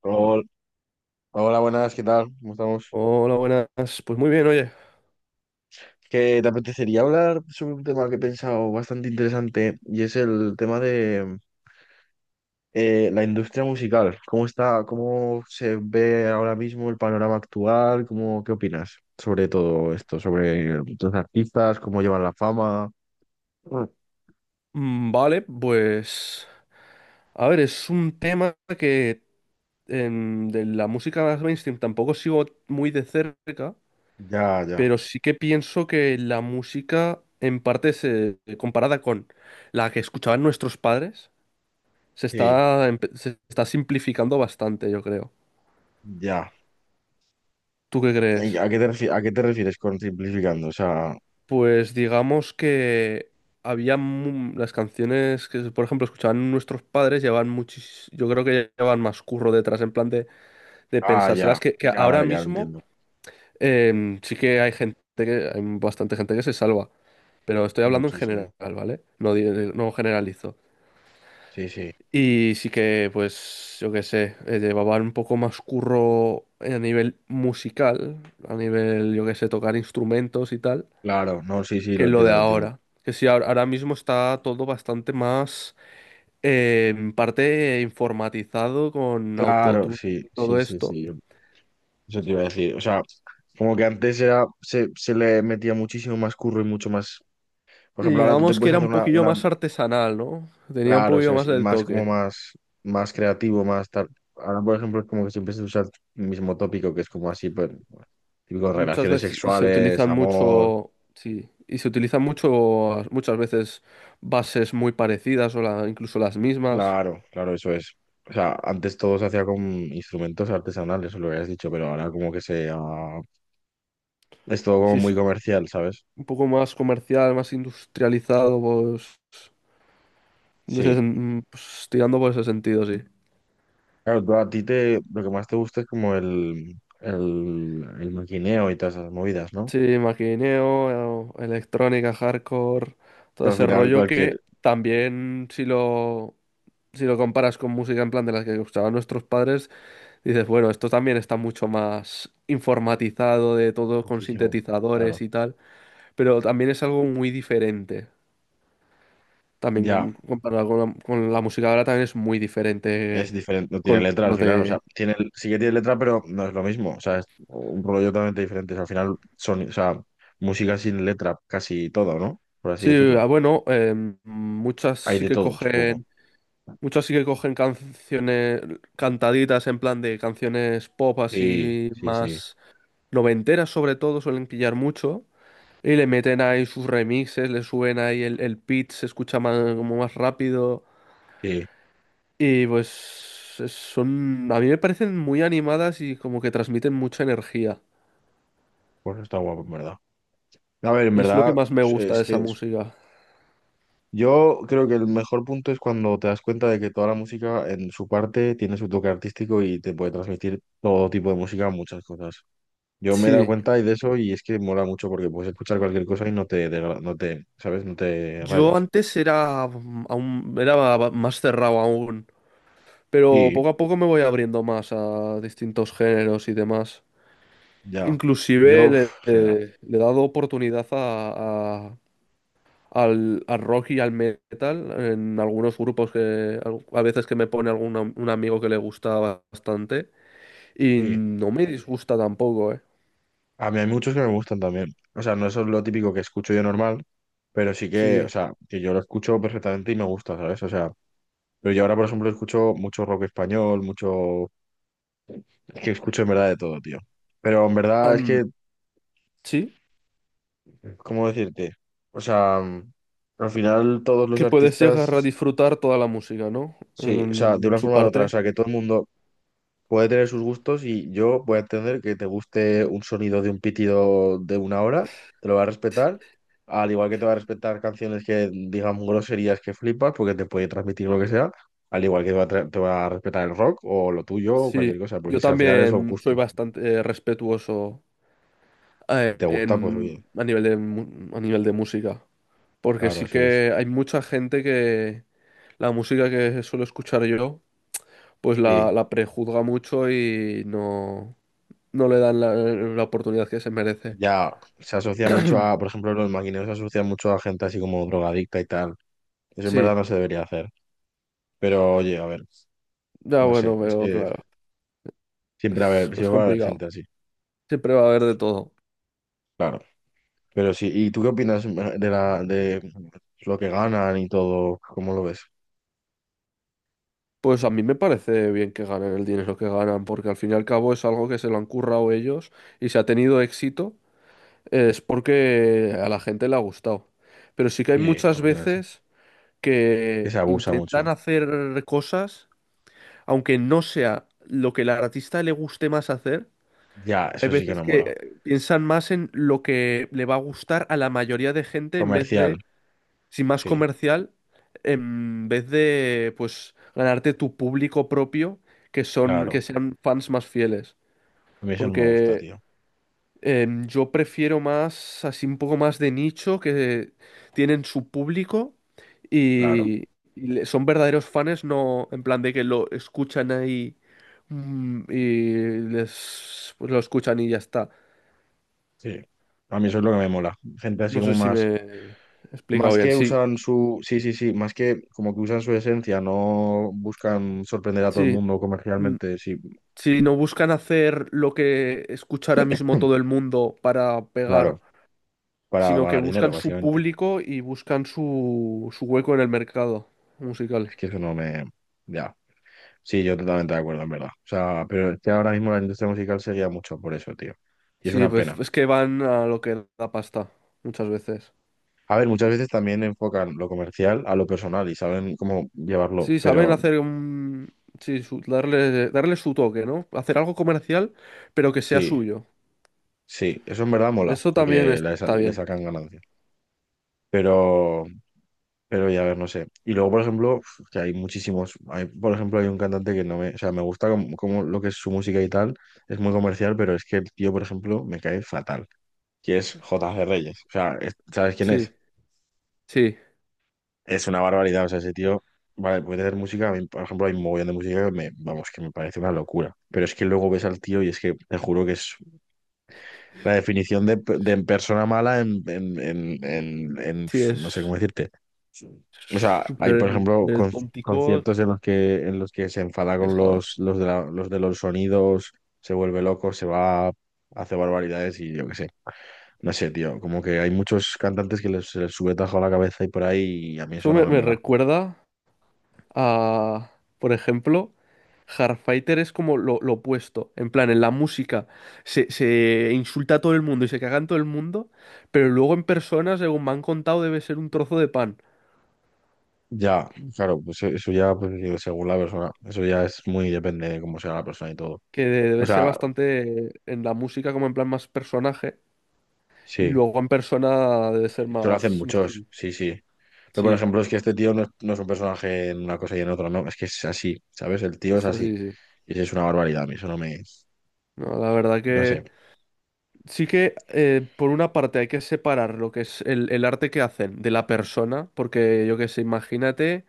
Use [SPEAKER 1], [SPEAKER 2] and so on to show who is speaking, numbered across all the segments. [SPEAKER 1] Hola, hola, buenas, ¿qué tal? ¿Cómo estamos?
[SPEAKER 2] Hola, buenas. Pues muy bien, oye.
[SPEAKER 1] Que te apetecería hablar sobre un tema que he pensado bastante interesante y es el tema de la industria musical. ¿Cómo está, cómo se ve ahora mismo el panorama actual? ¿Cómo, qué opinas sobre todo esto? Sobre los artistas, cómo llevan la fama. Mm.
[SPEAKER 2] Mm, vale, pues... A ver, es un tema que de la música más mainstream tampoco sigo muy de cerca,
[SPEAKER 1] Ya, ya,
[SPEAKER 2] pero sí que pienso que la música, en parte, comparada con la que escuchaban nuestros padres, se
[SPEAKER 1] sí,
[SPEAKER 2] está, se está simplificando bastante, yo creo.
[SPEAKER 1] ya.
[SPEAKER 2] ¿Tú qué crees?
[SPEAKER 1] ¿A qué te a qué te refieres con simplificando? O sea,
[SPEAKER 2] Pues digamos que había las canciones que, por ejemplo, escuchaban nuestros padres, llevaban muchis, yo creo que llevaban más curro detrás, en plan de
[SPEAKER 1] ah, ya,
[SPEAKER 2] pensárselas, que
[SPEAKER 1] ya,
[SPEAKER 2] ahora
[SPEAKER 1] vale, ya lo
[SPEAKER 2] mismo
[SPEAKER 1] entiendo.
[SPEAKER 2] sí que hay gente que, hay bastante gente que se salva, pero estoy hablando en general,
[SPEAKER 1] Muchísimo.
[SPEAKER 2] ¿vale? No, no generalizo.
[SPEAKER 1] Sí, sí.
[SPEAKER 2] Y sí que, pues, yo qué sé, llevaban un poco más curro a nivel musical, a nivel, yo qué sé, tocar instrumentos y tal.
[SPEAKER 1] Claro, no, sí, sí, lo
[SPEAKER 2] Que lo
[SPEAKER 1] entiendo,
[SPEAKER 2] de
[SPEAKER 1] lo entiendo.
[SPEAKER 2] ahora. Que sí, ahora mismo está todo bastante más en parte informatizado con
[SPEAKER 1] Claro,
[SPEAKER 2] autotune
[SPEAKER 1] sí,
[SPEAKER 2] y
[SPEAKER 1] sí,
[SPEAKER 2] todo
[SPEAKER 1] sí,
[SPEAKER 2] esto.
[SPEAKER 1] sí. Eso te iba a decir. O sea, como que antes era, se le metía muchísimo más curro y mucho más. Por
[SPEAKER 2] Y
[SPEAKER 1] ejemplo, ahora tú te
[SPEAKER 2] digamos que
[SPEAKER 1] puedes
[SPEAKER 2] era
[SPEAKER 1] hacer
[SPEAKER 2] un poquillo
[SPEAKER 1] una,
[SPEAKER 2] más artesanal, ¿no? Tenía un
[SPEAKER 1] claro, eso
[SPEAKER 2] poquillo
[SPEAKER 1] es,
[SPEAKER 2] más
[SPEAKER 1] y
[SPEAKER 2] del
[SPEAKER 1] más como
[SPEAKER 2] toque.
[SPEAKER 1] más, más creativo, más tal. Ahora, por ejemplo, es como que siempre se usa el mismo tópico, que es como así, pues, típico
[SPEAKER 2] Muchas
[SPEAKER 1] relaciones
[SPEAKER 2] veces y se
[SPEAKER 1] sexuales,
[SPEAKER 2] utilizan
[SPEAKER 1] amor.
[SPEAKER 2] mucho, sí, y se utilizan mucho, muchas veces bases muy parecidas o incluso las mismas.
[SPEAKER 1] Claro, claro, eso es. O sea, antes todo se hacía con instrumentos artesanales, eso lo habías dicho, pero ahora como que es todo como
[SPEAKER 2] Si es
[SPEAKER 1] muy comercial, ¿sabes?
[SPEAKER 2] un poco más comercial, más industrializado, pues, en ese
[SPEAKER 1] Sí,
[SPEAKER 2] pues, tirando por ese sentido, sí.
[SPEAKER 1] claro, a ti te, lo que más te gusta es como el maquineo y todas esas movidas, ¿no?
[SPEAKER 2] Sí, maquineo, electrónica, hardcore, todo
[SPEAKER 1] Pero al
[SPEAKER 2] ese
[SPEAKER 1] final
[SPEAKER 2] rollo que
[SPEAKER 1] cualquier,
[SPEAKER 2] también si lo comparas con música en plan de las que gustaban nuestros padres, dices, bueno, esto también está mucho más informatizado de todo con
[SPEAKER 1] muchísimo,
[SPEAKER 2] sintetizadores
[SPEAKER 1] claro,
[SPEAKER 2] y tal, pero también es algo muy diferente. También
[SPEAKER 1] ya,
[SPEAKER 2] comparado con la música ahora también es muy
[SPEAKER 1] es
[SPEAKER 2] diferente
[SPEAKER 1] diferente, no tiene
[SPEAKER 2] con
[SPEAKER 1] letra al
[SPEAKER 2] lo
[SPEAKER 1] final, o sea,
[SPEAKER 2] de...
[SPEAKER 1] tiene, sí que tiene letra, pero no es lo mismo, o sea, es un rollo totalmente diferente, o sea, al final son, o sea, música sin letra casi todo, ¿no? Por así
[SPEAKER 2] Sí, ah,
[SPEAKER 1] decirlo,
[SPEAKER 2] bueno, muchas
[SPEAKER 1] hay
[SPEAKER 2] sí
[SPEAKER 1] de
[SPEAKER 2] que
[SPEAKER 1] todo, supongo.
[SPEAKER 2] cogen... Muchos sí que cogen canciones cantaditas en plan de canciones pop
[SPEAKER 1] Sí,
[SPEAKER 2] así
[SPEAKER 1] sí, sí,
[SPEAKER 2] más noventeras sobre todo, suelen pillar mucho. Y le meten ahí sus remixes, le suben ahí el pitch, se escucha más, como más rápido.
[SPEAKER 1] sí,
[SPEAKER 2] Y pues son, a mí me parecen muy animadas y como que transmiten mucha energía.
[SPEAKER 1] pues está guapo, en verdad. A ver, en
[SPEAKER 2] Y es lo que
[SPEAKER 1] verdad,
[SPEAKER 2] más me gusta de
[SPEAKER 1] es
[SPEAKER 2] esa
[SPEAKER 1] que
[SPEAKER 2] música.
[SPEAKER 1] yo creo que el mejor punto es cuando te das cuenta de que toda la música en su parte tiene su toque artístico y te puede transmitir todo tipo de música, muchas cosas. Yo me he dado
[SPEAKER 2] Sí,
[SPEAKER 1] cuenta y de eso y es que mola mucho porque puedes escuchar cualquier cosa y no te, no te, ¿sabes? No te
[SPEAKER 2] yo
[SPEAKER 1] rayas.
[SPEAKER 2] antes era, mm, aún, era más cerrado aún. Pero
[SPEAKER 1] Sí.
[SPEAKER 2] poco a poco me voy abriendo más a distintos géneros y demás.
[SPEAKER 1] Ya. Yo,
[SPEAKER 2] Inclusive le,
[SPEAKER 1] uf, general.
[SPEAKER 2] le he dado oportunidad al, al rock y al metal en algunos grupos que a veces que me pone algún un amigo que le gusta bastante y
[SPEAKER 1] Sí.
[SPEAKER 2] no me disgusta tampoco, ¿eh?
[SPEAKER 1] A mí hay muchos que me gustan también. O sea, no es lo típico que escucho yo normal, pero sí que, o
[SPEAKER 2] Sí.
[SPEAKER 1] sea, que yo lo escucho perfectamente y me gusta, ¿sabes? O sea, pero yo ahora, por ejemplo, escucho mucho rock español, mucho. Es que escucho en verdad de todo, tío. Pero en verdad es
[SPEAKER 2] Am,
[SPEAKER 1] que,
[SPEAKER 2] sí,
[SPEAKER 1] ¿cómo decirte? O sea, al final todos los
[SPEAKER 2] que puedes llegar a
[SPEAKER 1] artistas,
[SPEAKER 2] disfrutar toda la música, ¿no?
[SPEAKER 1] sí, o sea, de
[SPEAKER 2] En
[SPEAKER 1] una
[SPEAKER 2] su
[SPEAKER 1] forma u otra, o
[SPEAKER 2] parte.
[SPEAKER 1] sea, que todo el mundo puede tener sus gustos y yo voy a entender que te guste un sonido de un pitido de una hora, te lo va a respetar, al igual que te va a respetar canciones que digan groserías que flipas porque te puede transmitir lo que sea, al igual que te va a, te va a respetar el rock o lo tuyo o
[SPEAKER 2] Sí,
[SPEAKER 1] cualquier cosa,
[SPEAKER 2] yo
[SPEAKER 1] porque si al final son
[SPEAKER 2] también soy
[SPEAKER 1] gustos,
[SPEAKER 2] bastante respetuoso
[SPEAKER 1] si te gusta, pues oye,
[SPEAKER 2] a nivel de, a nivel de música. Porque
[SPEAKER 1] claro,
[SPEAKER 2] sí
[SPEAKER 1] eso es.
[SPEAKER 2] que hay mucha gente que la música que suelo escuchar yo, pues
[SPEAKER 1] Sí.
[SPEAKER 2] la prejuzga mucho y no, no le dan la oportunidad que se merece.
[SPEAKER 1] Ya se asocia mucho a, por ejemplo, los maquineros se asocian mucho a gente así como drogadicta y tal. Eso en
[SPEAKER 2] Sí,
[SPEAKER 1] verdad no se debería hacer. Pero oye, a ver,
[SPEAKER 2] ya
[SPEAKER 1] no sé,
[SPEAKER 2] bueno,
[SPEAKER 1] es
[SPEAKER 2] veo,
[SPEAKER 1] que
[SPEAKER 2] claro.
[SPEAKER 1] siempre va a
[SPEAKER 2] Es,
[SPEAKER 1] haber,
[SPEAKER 2] es
[SPEAKER 1] siempre va a haber
[SPEAKER 2] complicado.
[SPEAKER 1] gente así,
[SPEAKER 2] Siempre va a haber de todo.
[SPEAKER 1] claro. Pero sí, ¿y tú qué opinas de de lo que ganan y todo? ¿Cómo lo ves?
[SPEAKER 2] Pues a mí me parece bien que ganen el dinero que ganan, porque al fin y al cabo es algo que se lo han currado ellos y se ha tenido éxito. Es porque a la gente le ha gustado. Pero sí que hay
[SPEAKER 1] Sí, a
[SPEAKER 2] muchas
[SPEAKER 1] ver, así.
[SPEAKER 2] veces
[SPEAKER 1] Que
[SPEAKER 2] que
[SPEAKER 1] se abusa
[SPEAKER 2] intentan
[SPEAKER 1] mucho.
[SPEAKER 2] hacer cosas, aunque no sea lo que al artista le guste más hacer.
[SPEAKER 1] Ya,
[SPEAKER 2] Hay
[SPEAKER 1] eso sí que
[SPEAKER 2] veces
[SPEAKER 1] no
[SPEAKER 2] que
[SPEAKER 1] mola.
[SPEAKER 2] piensan más en lo que le va a gustar a la mayoría de gente en vez
[SPEAKER 1] Comercial,
[SPEAKER 2] de, si más
[SPEAKER 1] sí,
[SPEAKER 2] comercial, en vez de, pues, ganarte tu público propio, que son, que
[SPEAKER 1] claro.
[SPEAKER 2] sean fans más fieles.
[SPEAKER 1] A mí eso no me gusta,
[SPEAKER 2] Porque
[SPEAKER 1] tío.
[SPEAKER 2] Yo prefiero más, así un poco más de nicho, que tienen su público
[SPEAKER 1] Claro,
[SPEAKER 2] y, y son verdaderos fans, no en plan de que lo escuchan ahí mm, y les, pues lo escuchan y ya está.
[SPEAKER 1] sí. A mí eso es lo que me mola. Gente así
[SPEAKER 2] No
[SPEAKER 1] como
[SPEAKER 2] sé si me
[SPEAKER 1] más.
[SPEAKER 2] he explicado
[SPEAKER 1] Más
[SPEAKER 2] bien.
[SPEAKER 1] que
[SPEAKER 2] Sí,
[SPEAKER 1] usan su, sí, sí, sí, más que como que usan su esencia, no buscan sorprender a todo el
[SPEAKER 2] sí.
[SPEAKER 1] mundo
[SPEAKER 2] Mm,
[SPEAKER 1] comercialmente, sí,
[SPEAKER 2] si no buscan hacer lo que escucha ahora mismo todo el mundo para pegar,
[SPEAKER 1] claro, para
[SPEAKER 2] sino que
[SPEAKER 1] ganar dinero,
[SPEAKER 2] buscan su
[SPEAKER 1] básicamente.
[SPEAKER 2] público y buscan su, su hueco en el mercado musical.
[SPEAKER 1] Es que eso no me, ya, sí, yo totalmente de acuerdo, en verdad. O sea, pero es que ahora mismo la industria musical se guía mucho por eso, tío. Y es
[SPEAKER 2] Sí,
[SPEAKER 1] una
[SPEAKER 2] pues
[SPEAKER 1] pena.
[SPEAKER 2] es que van a lo que da pasta, muchas veces.
[SPEAKER 1] A ver, muchas veces también enfocan lo comercial a lo personal y saben cómo llevarlo,
[SPEAKER 2] Sí, saben
[SPEAKER 1] pero
[SPEAKER 2] hacer un... Sí, darle, darle su toque, ¿no? Hacer algo comercial, pero que sea
[SPEAKER 1] sí,
[SPEAKER 2] suyo.
[SPEAKER 1] sí, eso en verdad mola,
[SPEAKER 2] Eso también
[SPEAKER 1] porque le,
[SPEAKER 2] está
[SPEAKER 1] le
[SPEAKER 2] bien.
[SPEAKER 1] sacan ganancia. Pero... pero ya, a ver, no sé. Y luego, por ejemplo, uf, que hay muchísimos. Hay, por ejemplo, hay un cantante que no me. O sea, me gusta como, como lo que es su música y tal. Es muy comercial, pero es que el tío, por ejemplo, me cae fatal. Que es J.G. Reyes. O sea, ¿sabes quién es?
[SPEAKER 2] Sí, sí,
[SPEAKER 1] Es una barbaridad. O sea, ese tío. Vale, puede hacer música. A mí, por ejemplo, hay un mogollón de música que me. Vamos, que me parece una locura. Pero es que luego ves al tío y es que te juro que es la definición de persona mala en.
[SPEAKER 2] sí,
[SPEAKER 1] No sé cómo
[SPEAKER 2] es
[SPEAKER 1] decirte. O sea, hay,
[SPEAKER 2] súper
[SPEAKER 1] por ejemplo,
[SPEAKER 2] tóntico.
[SPEAKER 1] conciertos en los que se enfada
[SPEAKER 2] Es
[SPEAKER 1] con
[SPEAKER 2] joder.
[SPEAKER 1] los de los de los sonidos, se vuelve loco, se va, hace barbaridades y yo qué sé. No sé, tío, como que hay muchos cantantes que les, se les sube tajo a la cabeza y por ahí y a mí
[SPEAKER 2] Eso
[SPEAKER 1] eso no
[SPEAKER 2] me,
[SPEAKER 1] me
[SPEAKER 2] me
[SPEAKER 1] mola.
[SPEAKER 2] recuerda a, por ejemplo, Hardfighter es como lo opuesto. En plan, en la música se insulta a todo el mundo y se caga en todo el mundo, pero luego en persona, según me han contado, debe ser un trozo de pan,
[SPEAKER 1] Ya, claro, pues e, eso ya, pues, digo, según la persona, eso ya es muy depende de cómo sea la persona y todo.
[SPEAKER 2] que
[SPEAKER 1] O
[SPEAKER 2] debe ser
[SPEAKER 1] sea,
[SPEAKER 2] bastante en la música como en plan más personaje, y
[SPEAKER 1] sí,
[SPEAKER 2] luego en persona debe ser
[SPEAKER 1] eso lo hacen
[SPEAKER 2] más, más
[SPEAKER 1] muchos,
[SPEAKER 2] chill.
[SPEAKER 1] sí, sí. Pero por
[SPEAKER 2] Sí,
[SPEAKER 1] ejemplo, es que este tío no es, no es un personaje en una cosa y en otra, no, es que es así, ¿sabes? El tío es
[SPEAKER 2] eso
[SPEAKER 1] así.
[SPEAKER 2] sí, sí.
[SPEAKER 1] Sí, sí, es una barbaridad, a mí eso no me...
[SPEAKER 2] No, la verdad
[SPEAKER 1] No sé,
[SPEAKER 2] que... Sí que, por una parte, hay que separar lo que es el arte que hacen de la persona, porque yo qué sé, imagínate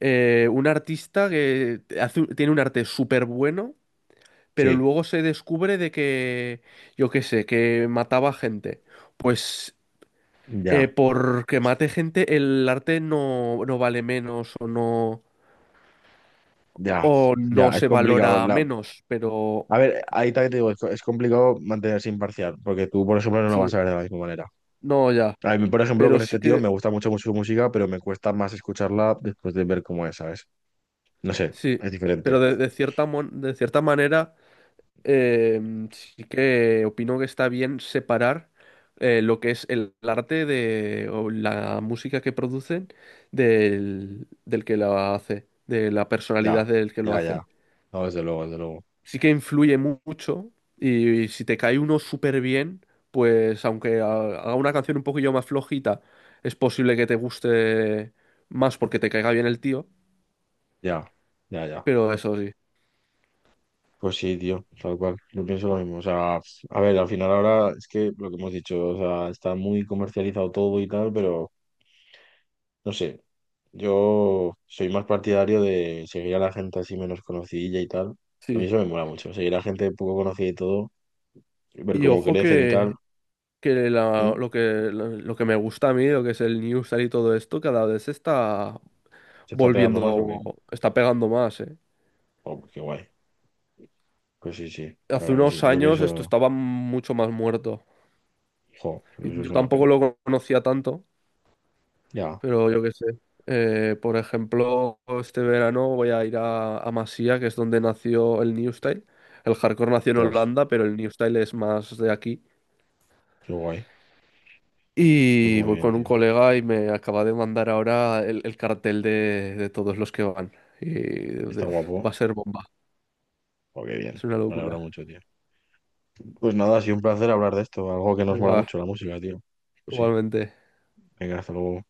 [SPEAKER 2] un artista que hace tiene un arte súper bueno, pero
[SPEAKER 1] sí,
[SPEAKER 2] luego se descubre de que, yo qué sé, que mataba gente. Pues
[SPEAKER 1] ya,
[SPEAKER 2] porque mate gente, el arte no, no vale menos
[SPEAKER 1] ya,
[SPEAKER 2] o no
[SPEAKER 1] ya, es
[SPEAKER 2] se
[SPEAKER 1] complicado.
[SPEAKER 2] valora
[SPEAKER 1] La...
[SPEAKER 2] menos, pero
[SPEAKER 1] a ver, ahí también te digo, es, es complicado mantenerse imparcial, porque tú, por ejemplo, no lo vas
[SPEAKER 2] sí,
[SPEAKER 1] a ver de la misma manera.
[SPEAKER 2] no ya,
[SPEAKER 1] A mí, por ejemplo,
[SPEAKER 2] pero
[SPEAKER 1] con
[SPEAKER 2] sí
[SPEAKER 1] este tío
[SPEAKER 2] que,
[SPEAKER 1] me gusta mucho, mucho su música, pero me cuesta más escucharla después de ver cómo es, ¿sabes? No sé,
[SPEAKER 2] sí,
[SPEAKER 1] es
[SPEAKER 2] pero
[SPEAKER 1] diferente.
[SPEAKER 2] de cierta, de cierta manera sí que opino que está bien separar lo que es el arte de, o la música que producen del que la hace, de la personalidad
[SPEAKER 1] Ya,
[SPEAKER 2] del que lo
[SPEAKER 1] ya,
[SPEAKER 2] hace.
[SPEAKER 1] ya. No, desde luego, desde luego.
[SPEAKER 2] Sí que influye mucho y, si te cae uno súper bien, pues aunque haga una canción un poquillo más flojita, es posible que te guste más porque te caiga bien el tío,
[SPEAKER 1] Ya, ya, ya.
[SPEAKER 2] pero eso sí,
[SPEAKER 1] Pues sí, tío, tal cual. Yo pienso lo mismo. O sea, a ver, al final ahora es que lo que hemos dicho, o sea, está muy comercializado todo y tal, pero... no sé, yo soy más partidario de seguir a la gente así menos conocidilla y tal. A mí
[SPEAKER 2] sí.
[SPEAKER 1] eso me mola mucho, seguir a gente poco conocida y todo, ver
[SPEAKER 2] Y
[SPEAKER 1] cómo
[SPEAKER 2] ojo
[SPEAKER 1] crecen y tal.
[SPEAKER 2] que
[SPEAKER 1] ¿Mm?
[SPEAKER 2] lo que, lo, que me gusta a mí, lo que es el Newstar y todo esto, cada vez está
[SPEAKER 1] ¿Se está pegando más o qué?
[SPEAKER 2] volviendo, está pegando más, ¿eh?
[SPEAKER 1] Oh, pues qué guay. Pues sí, sí, la
[SPEAKER 2] Hace
[SPEAKER 1] verdad que
[SPEAKER 2] unos
[SPEAKER 1] sí. Yo
[SPEAKER 2] años esto
[SPEAKER 1] pienso,
[SPEAKER 2] estaba mucho más muerto.
[SPEAKER 1] jo, pues
[SPEAKER 2] Y
[SPEAKER 1] eso es
[SPEAKER 2] yo
[SPEAKER 1] una pena.
[SPEAKER 2] tampoco lo conocía tanto,
[SPEAKER 1] Ya,
[SPEAKER 2] pero yo qué sé. Por ejemplo, este verano voy a ir a Masía, que es donde nació el New Style. El hardcore nació en
[SPEAKER 1] tras,
[SPEAKER 2] Holanda, pero el New Style es más de aquí.
[SPEAKER 1] qué guay. Pues
[SPEAKER 2] Y
[SPEAKER 1] muy
[SPEAKER 2] voy
[SPEAKER 1] bien,
[SPEAKER 2] con un
[SPEAKER 1] tío.
[SPEAKER 2] colega y me acaba de mandar ahora el cartel de todos los que van. Y
[SPEAKER 1] ¿Está
[SPEAKER 2] de- va
[SPEAKER 1] guapo?
[SPEAKER 2] a ser bomba.
[SPEAKER 1] Oh, qué bien.
[SPEAKER 2] Es una
[SPEAKER 1] Me alegra
[SPEAKER 2] locura.
[SPEAKER 1] mucho, tío. Pues nada, ha sido un placer hablar de esto, algo que nos mola
[SPEAKER 2] Venga,
[SPEAKER 1] mucho, la música, tío. Pues sí.
[SPEAKER 2] igualmente.
[SPEAKER 1] Venga, hasta luego.